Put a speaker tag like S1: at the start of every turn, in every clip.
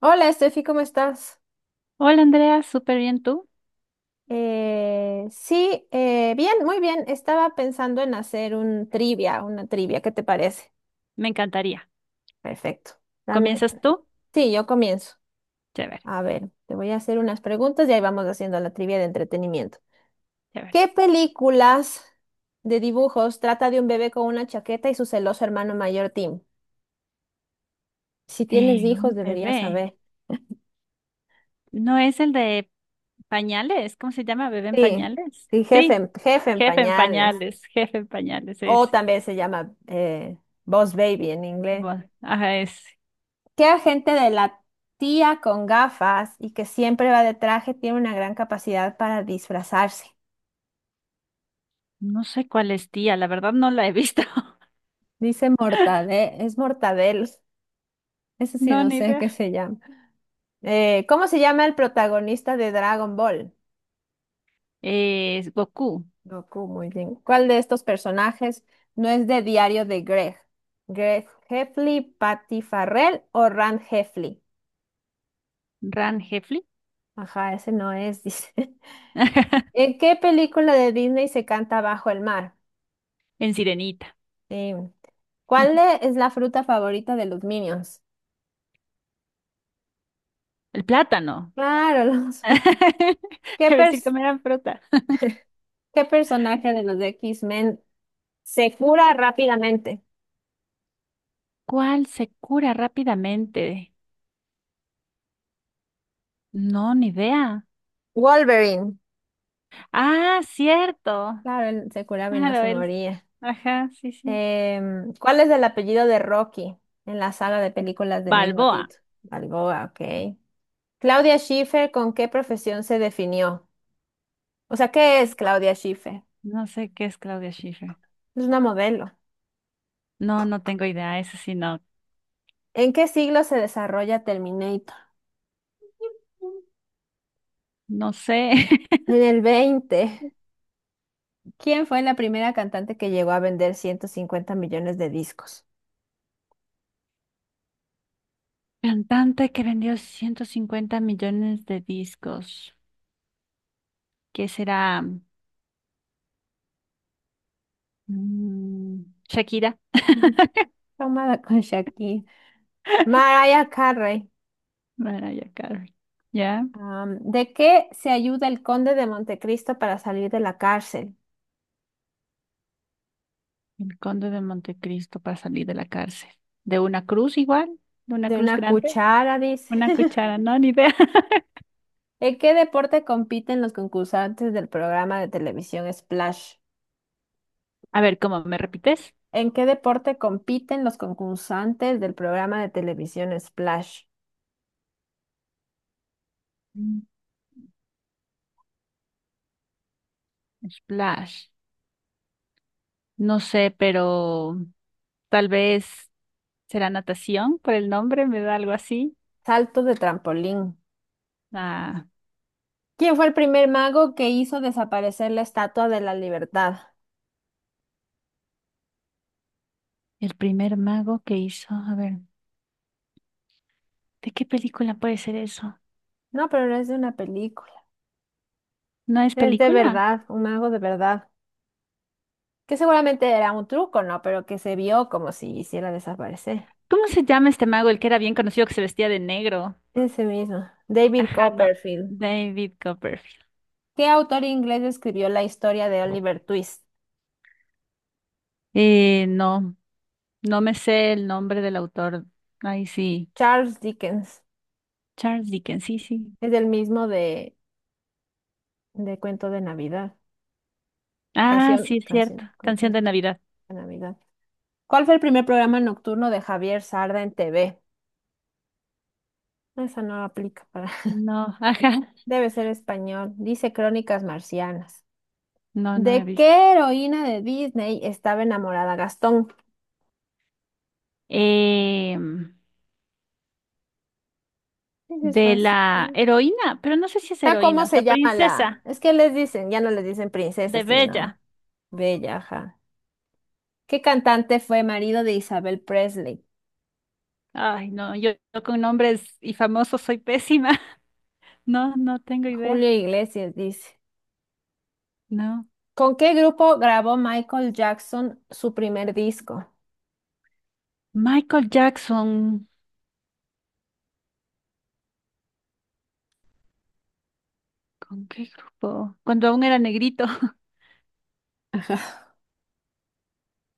S1: Hola, Estefi, ¿cómo estás?
S2: Hola Andrea, súper bien tú.
S1: Sí, Bien, muy bien. Estaba pensando en hacer un trivia, una trivia, ¿qué te parece?
S2: Me encantaría.
S1: Perfecto. Dame.
S2: ¿Comienzas tú?
S1: Sí, yo comienzo.
S2: Chévere,
S1: A ver, te voy a hacer unas preguntas y ahí vamos haciendo la trivia de entretenimiento.
S2: chévere.
S1: ¿Qué películas de dibujos trata de un bebé con una chaqueta y su celoso hermano mayor Tim? Si tienes
S2: Un
S1: hijos, deberías
S2: bebé.
S1: saber.
S2: ¿No es el de pañales? ¿Cómo se llama? ¿Bebé en
S1: Sí,
S2: pañales?
S1: sí,
S2: Sí,
S1: jefe en pañales.
S2: jefe en pañales
S1: O
S2: es.
S1: también se llama Boss Baby en inglés.
S2: Bueno, ajá, es.
S1: ¿Qué agente de la tía con gafas y que siempre va de traje tiene una gran capacidad para disfrazarse?
S2: No sé cuál es tía, la verdad no la he visto.
S1: Dice Mortadel, es Mortadel. Eso sí
S2: No,
S1: no
S2: ni
S1: sé
S2: idea.
S1: qué se llama. ¿Cómo se llama el protagonista de Dragon Ball?
S2: Es Goku.
S1: Goku, muy bien. ¿Cuál de estos personajes no es de Diario de Greg? ¿Greg Heffley, Patty Farrell o Rand Heffley?
S2: Ran Hefli.
S1: Ajá, ese no es, dice. ¿En en qué película de Disney se canta Bajo el mar?
S2: En Sirenita.
S1: Sí. ¿Cuál e- es la fruta favorita de los Minions?
S2: El plátano.
S1: Claro, los... ¿Qué,
S2: Debe decir,
S1: pers-
S2: comerán fruta.
S1: qué personaje de los X-Men se cura rápidamente?
S2: ¿Cuál se cura rápidamente? No, ni idea.
S1: Wolverine.
S2: Ah, cierto.
S1: Claro, él se curaba y no
S2: Claro,
S1: se
S2: él.
S1: moría.
S2: Ajá, sí, sí.
S1: ¿Cuál es el apellido de Rocky en la saga de películas del mismo
S2: Balboa.
S1: título? Balboa, ok. Claudia Schiffer, ¿con qué profesión se definió? O sea, ¿qué es Claudia Schiffer?
S2: No sé qué es Claudia Schiffer.
S1: Es una modelo.
S2: No, no tengo idea. Eso sí, no.
S1: ¿En qué siglo se desarrolla Terminator?
S2: No sé.
S1: En el 20. ¿Quién fue la primera cantante que llegó a vender 150 millones de discos?
S2: Cantante que vendió 150 millones de discos. ¿Qué será? Mm, Shakira.
S1: Tomada con Shakira. Mariah Carey.
S2: Mariah Carey. Ya.
S1: ¿De qué se ayuda el conde de Montecristo para salir de la cárcel?
S2: El Conde de Montecristo para salir de la cárcel. ¿De una cruz igual? ¿De una
S1: De
S2: cruz
S1: una
S2: grande?
S1: cuchara, dice.
S2: ¿Una cuchara? No, ni idea.
S1: ¿En qué deporte compiten los concursantes del programa de televisión Splash?
S2: A ver, ¿cómo me repites?
S1: ¿En qué deporte compiten los concursantes del programa de televisión Splash?
S2: Splash. No sé, pero tal vez será natación por el nombre, me da algo así.
S1: Salto de trampolín.
S2: Ah,
S1: ¿Quién fue el primer mago que hizo desaparecer la Estatua de la Libertad?
S2: el primer mago que hizo, a ver, ¿de qué película puede ser eso?
S1: No, pero no es de una película.
S2: ¿No es
S1: Es de
S2: película?
S1: verdad, un mago de verdad. Que seguramente era un truco, ¿no? Pero que se vio como si hiciera desaparecer.
S2: ¿Cómo se llama este mago, el que era bien conocido que se vestía de negro?
S1: Ese mismo. David
S2: Ajá, no.
S1: Copperfield.
S2: David Copperfield.
S1: ¿Qué autor inglés escribió la historia de Oliver Twist?
S2: No, no me sé el nombre del autor. Ay, sí.
S1: Charles Dickens.
S2: Charles Dickens, sí, sí.
S1: Es el mismo de Cuento de Navidad.
S2: Ah, sí,
S1: Canción,
S2: es cierto.
S1: canción, Cuento
S2: Canción
S1: de
S2: de Navidad.
S1: Navidad. ¿Cuál fue el primer programa nocturno de Javier Sarda en TV? No, esa no aplica para...
S2: No, ajá.
S1: Debe ser español. Dice Crónicas Marcianas.
S2: No, no he
S1: ¿De
S2: visto.
S1: qué heroína de Disney estaba enamorada Gastón?
S2: eh,
S1: Ese es
S2: de
S1: fácil.
S2: la heroína, pero no sé si es
S1: ¿Está cómo
S2: heroína, o sea,
S1: se llama la?
S2: princesa
S1: Es que les dicen, ya no les dicen princesa,
S2: de
S1: sino
S2: Bella.
S1: bella, ajá. ¿Qué cantante fue marido de Isabel Presley?
S2: Ay, no, yo con nombres y famosos soy pésima. No, no tengo
S1: Julio
S2: idea.
S1: Iglesias dice.
S2: No.
S1: ¿Con qué grupo grabó Michael Jackson su primer disco?
S2: Michael Jackson, ¿con qué grupo? Cuando aún era negrito.
S1: Ajá.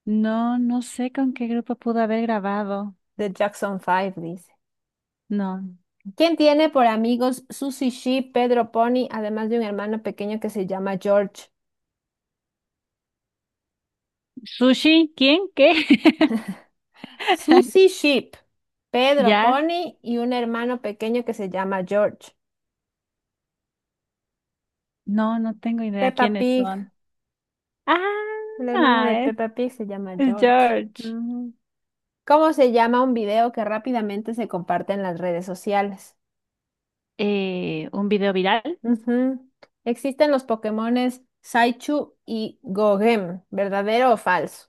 S2: No, no sé con qué grupo pudo haber grabado.
S1: The Jackson Five, dice.
S2: No.
S1: ¿Quién tiene por amigos Susie Sheep, Pedro Pony, además de un hermano pequeño que se llama George?
S2: ¿Sushi? ¿Quién? ¿Qué?
S1: Susie Sheep, Pedro
S2: ¿Ya?
S1: Pony y un hermano pequeño que se llama George.
S2: No, no tengo idea
S1: Peppa
S2: quiénes
S1: Pig,
S2: son.
S1: el hermano
S2: Ah,
S1: de
S2: es
S1: Peppa Pig se llama
S2: es
S1: George.
S2: George.
S1: Mm. ¿Cómo se llama un video que rápidamente se comparte en las redes sociales?
S2: ¿Un video viral?
S1: Ujú. Existen los Pokémones Saichu y Gogem, ¿verdadero o falso?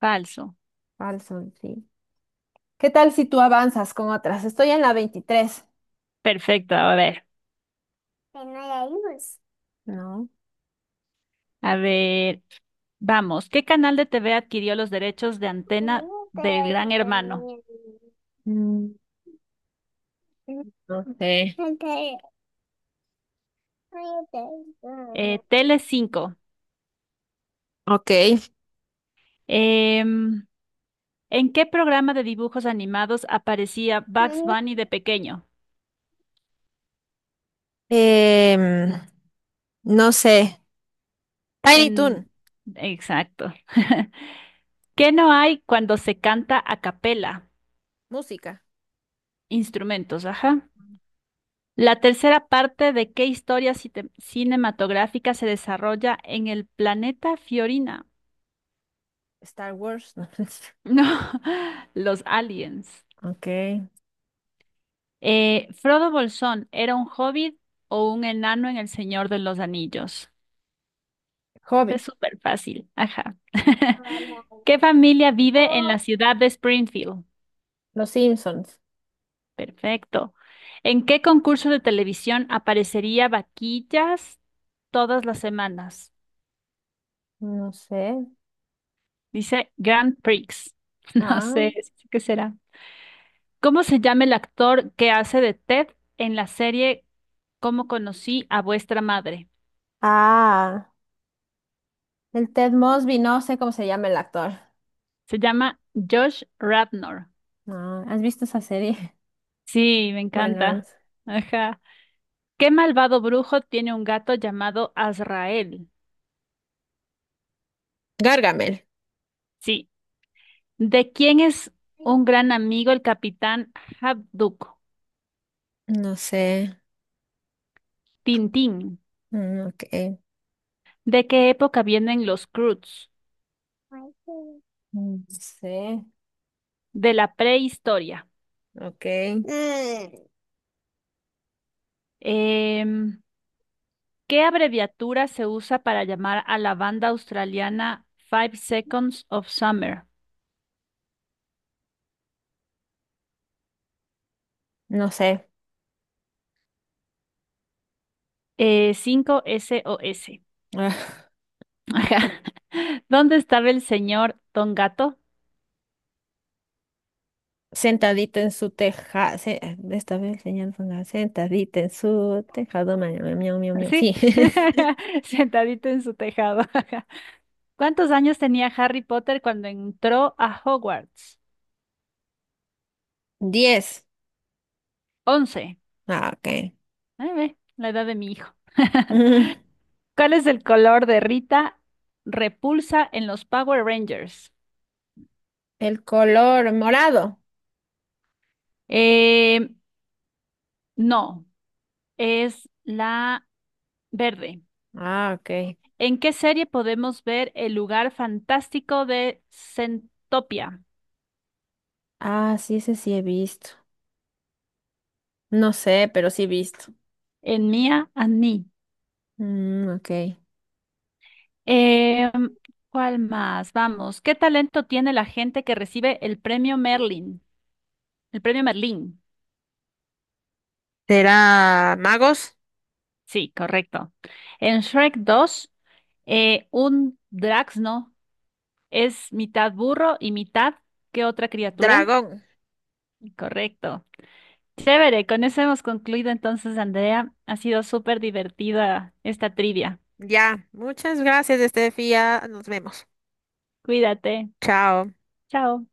S2: Falso.
S1: Falso, sí. ¿Qué tal si tú avanzas con otras? Estoy en la 23.
S2: Perfecto,
S1: No.
S2: a ver, vamos. ¿Qué canal de TV adquirió los derechos de antena del Gran Hermano?
S1: Mm, no sé.
S2: Tele
S1: Ok.
S2: Em, ¿en qué programa de dibujos animados aparecía Bugs Bunny de pequeño?
S1: Em, no sé. Tiny Toon.
S2: En... Exacto. ¿Qué no hay cuando se canta a capela?
S1: Música.
S2: Instrumentos, ajá. La tercera parte de qué historia cinematográfica se desarrolla en el planeta Fiorina.
S1: Star Wars. No sé.
S2: No, los aliens.
S1: Ok.
S2: Frodo Bolsón, ¿era un hobbit o un enano en El Señor de los Anillos?
S1: Hobby.
S2: Es súper fácil. Ajá. ¿Qué familia vive en la ciudad de Springfield?
S1: Los Simpsons.
S2: Perfecto. ¿En qué concurso de televisión aparecería Vaquillas todas las semanas?
S1: No sé.
S2: Dice Grand Prix. No
S1: Ah.
S2: sé, ¿qué será? ¿Cómo se llama el actor que hace de Ted en la serie Cómo conocí a vuestra madre?
S1: Ah. El Ted Mosby, no sé cómo se llama el actor.
S2: Se llama Josh Radnor.
S1: No, ¿has visto esa serie?
S2: Sí, me
S1: Bueno,
S2: encanta. Ajá. ¿Qué malvado brujo tiene un gato llamado Azrael?
S1: Gargamel.
S2: Sí. ¿De quién es un gran amigo el capitán Habduk?
S1: No sé.
S2: Tintín.
S1: Mm, ok.
S2: ¿De qué época vienen los Croods?
S1: Mm, no sé.
S2: De la prehistoria.
S1: Ok. Mm.
S2: Em, ¿qué abreviatura se usa para llamar a la banda australiana Five Seconds of Summer?
S1: No sé.
S2: 5SOS.
S1: Ah,
S2: Ajá. ¿Dónde estaba el señor Don Gato?
S1: Sentadita en su teja. Se- esta vez enseñando sentadita en su tejado. Ma- ma- Miau, miau, miau.
S2: Sí,
S1: Sí.
S2: sentadito en su tejado. Ajá. ¿Cuántos años tenía Harry Potter cuando entró a Hogwarts?
S1: Diez.
S2: 11.
S1: Ah, ok.
S2: Ay, ve, la edad de mi hijo.
S1: Mm,
S2: ¿Cuál es el color de Rita Repulsa en los Power Rangers?
S1: el color morado.
S2: Eh, no, es la verde.
S1: Ah, ok.
S2: ¿En qué serie podemos ver el lugar fantástico de Centopia?
S1: Ah, sí, ese sí he visto. No sé, pero sí he visto.
S2: En Mia and Me.
S1: Mm, ok.
S2: Eh, ¿Cuál más? Vamos, ¿qué talento tiene la gente que recibe el premio Merlin? El premio Merlin.
S1: Será magos,
S2: Sí, correcto. En Shrek 2, un Draxno es mitad burro y mitad, ¿qué otra criatura?
S1: dragón.
S2: Correcto. Chévere, con eso hemos concluido entonces, Andrea. Ha sido súper divertida esta trivia.
S1: Ya, muchas gracias, Estefía. Nos vemos.
S2: Cuídate.
S1: Chao.
S2: Chao.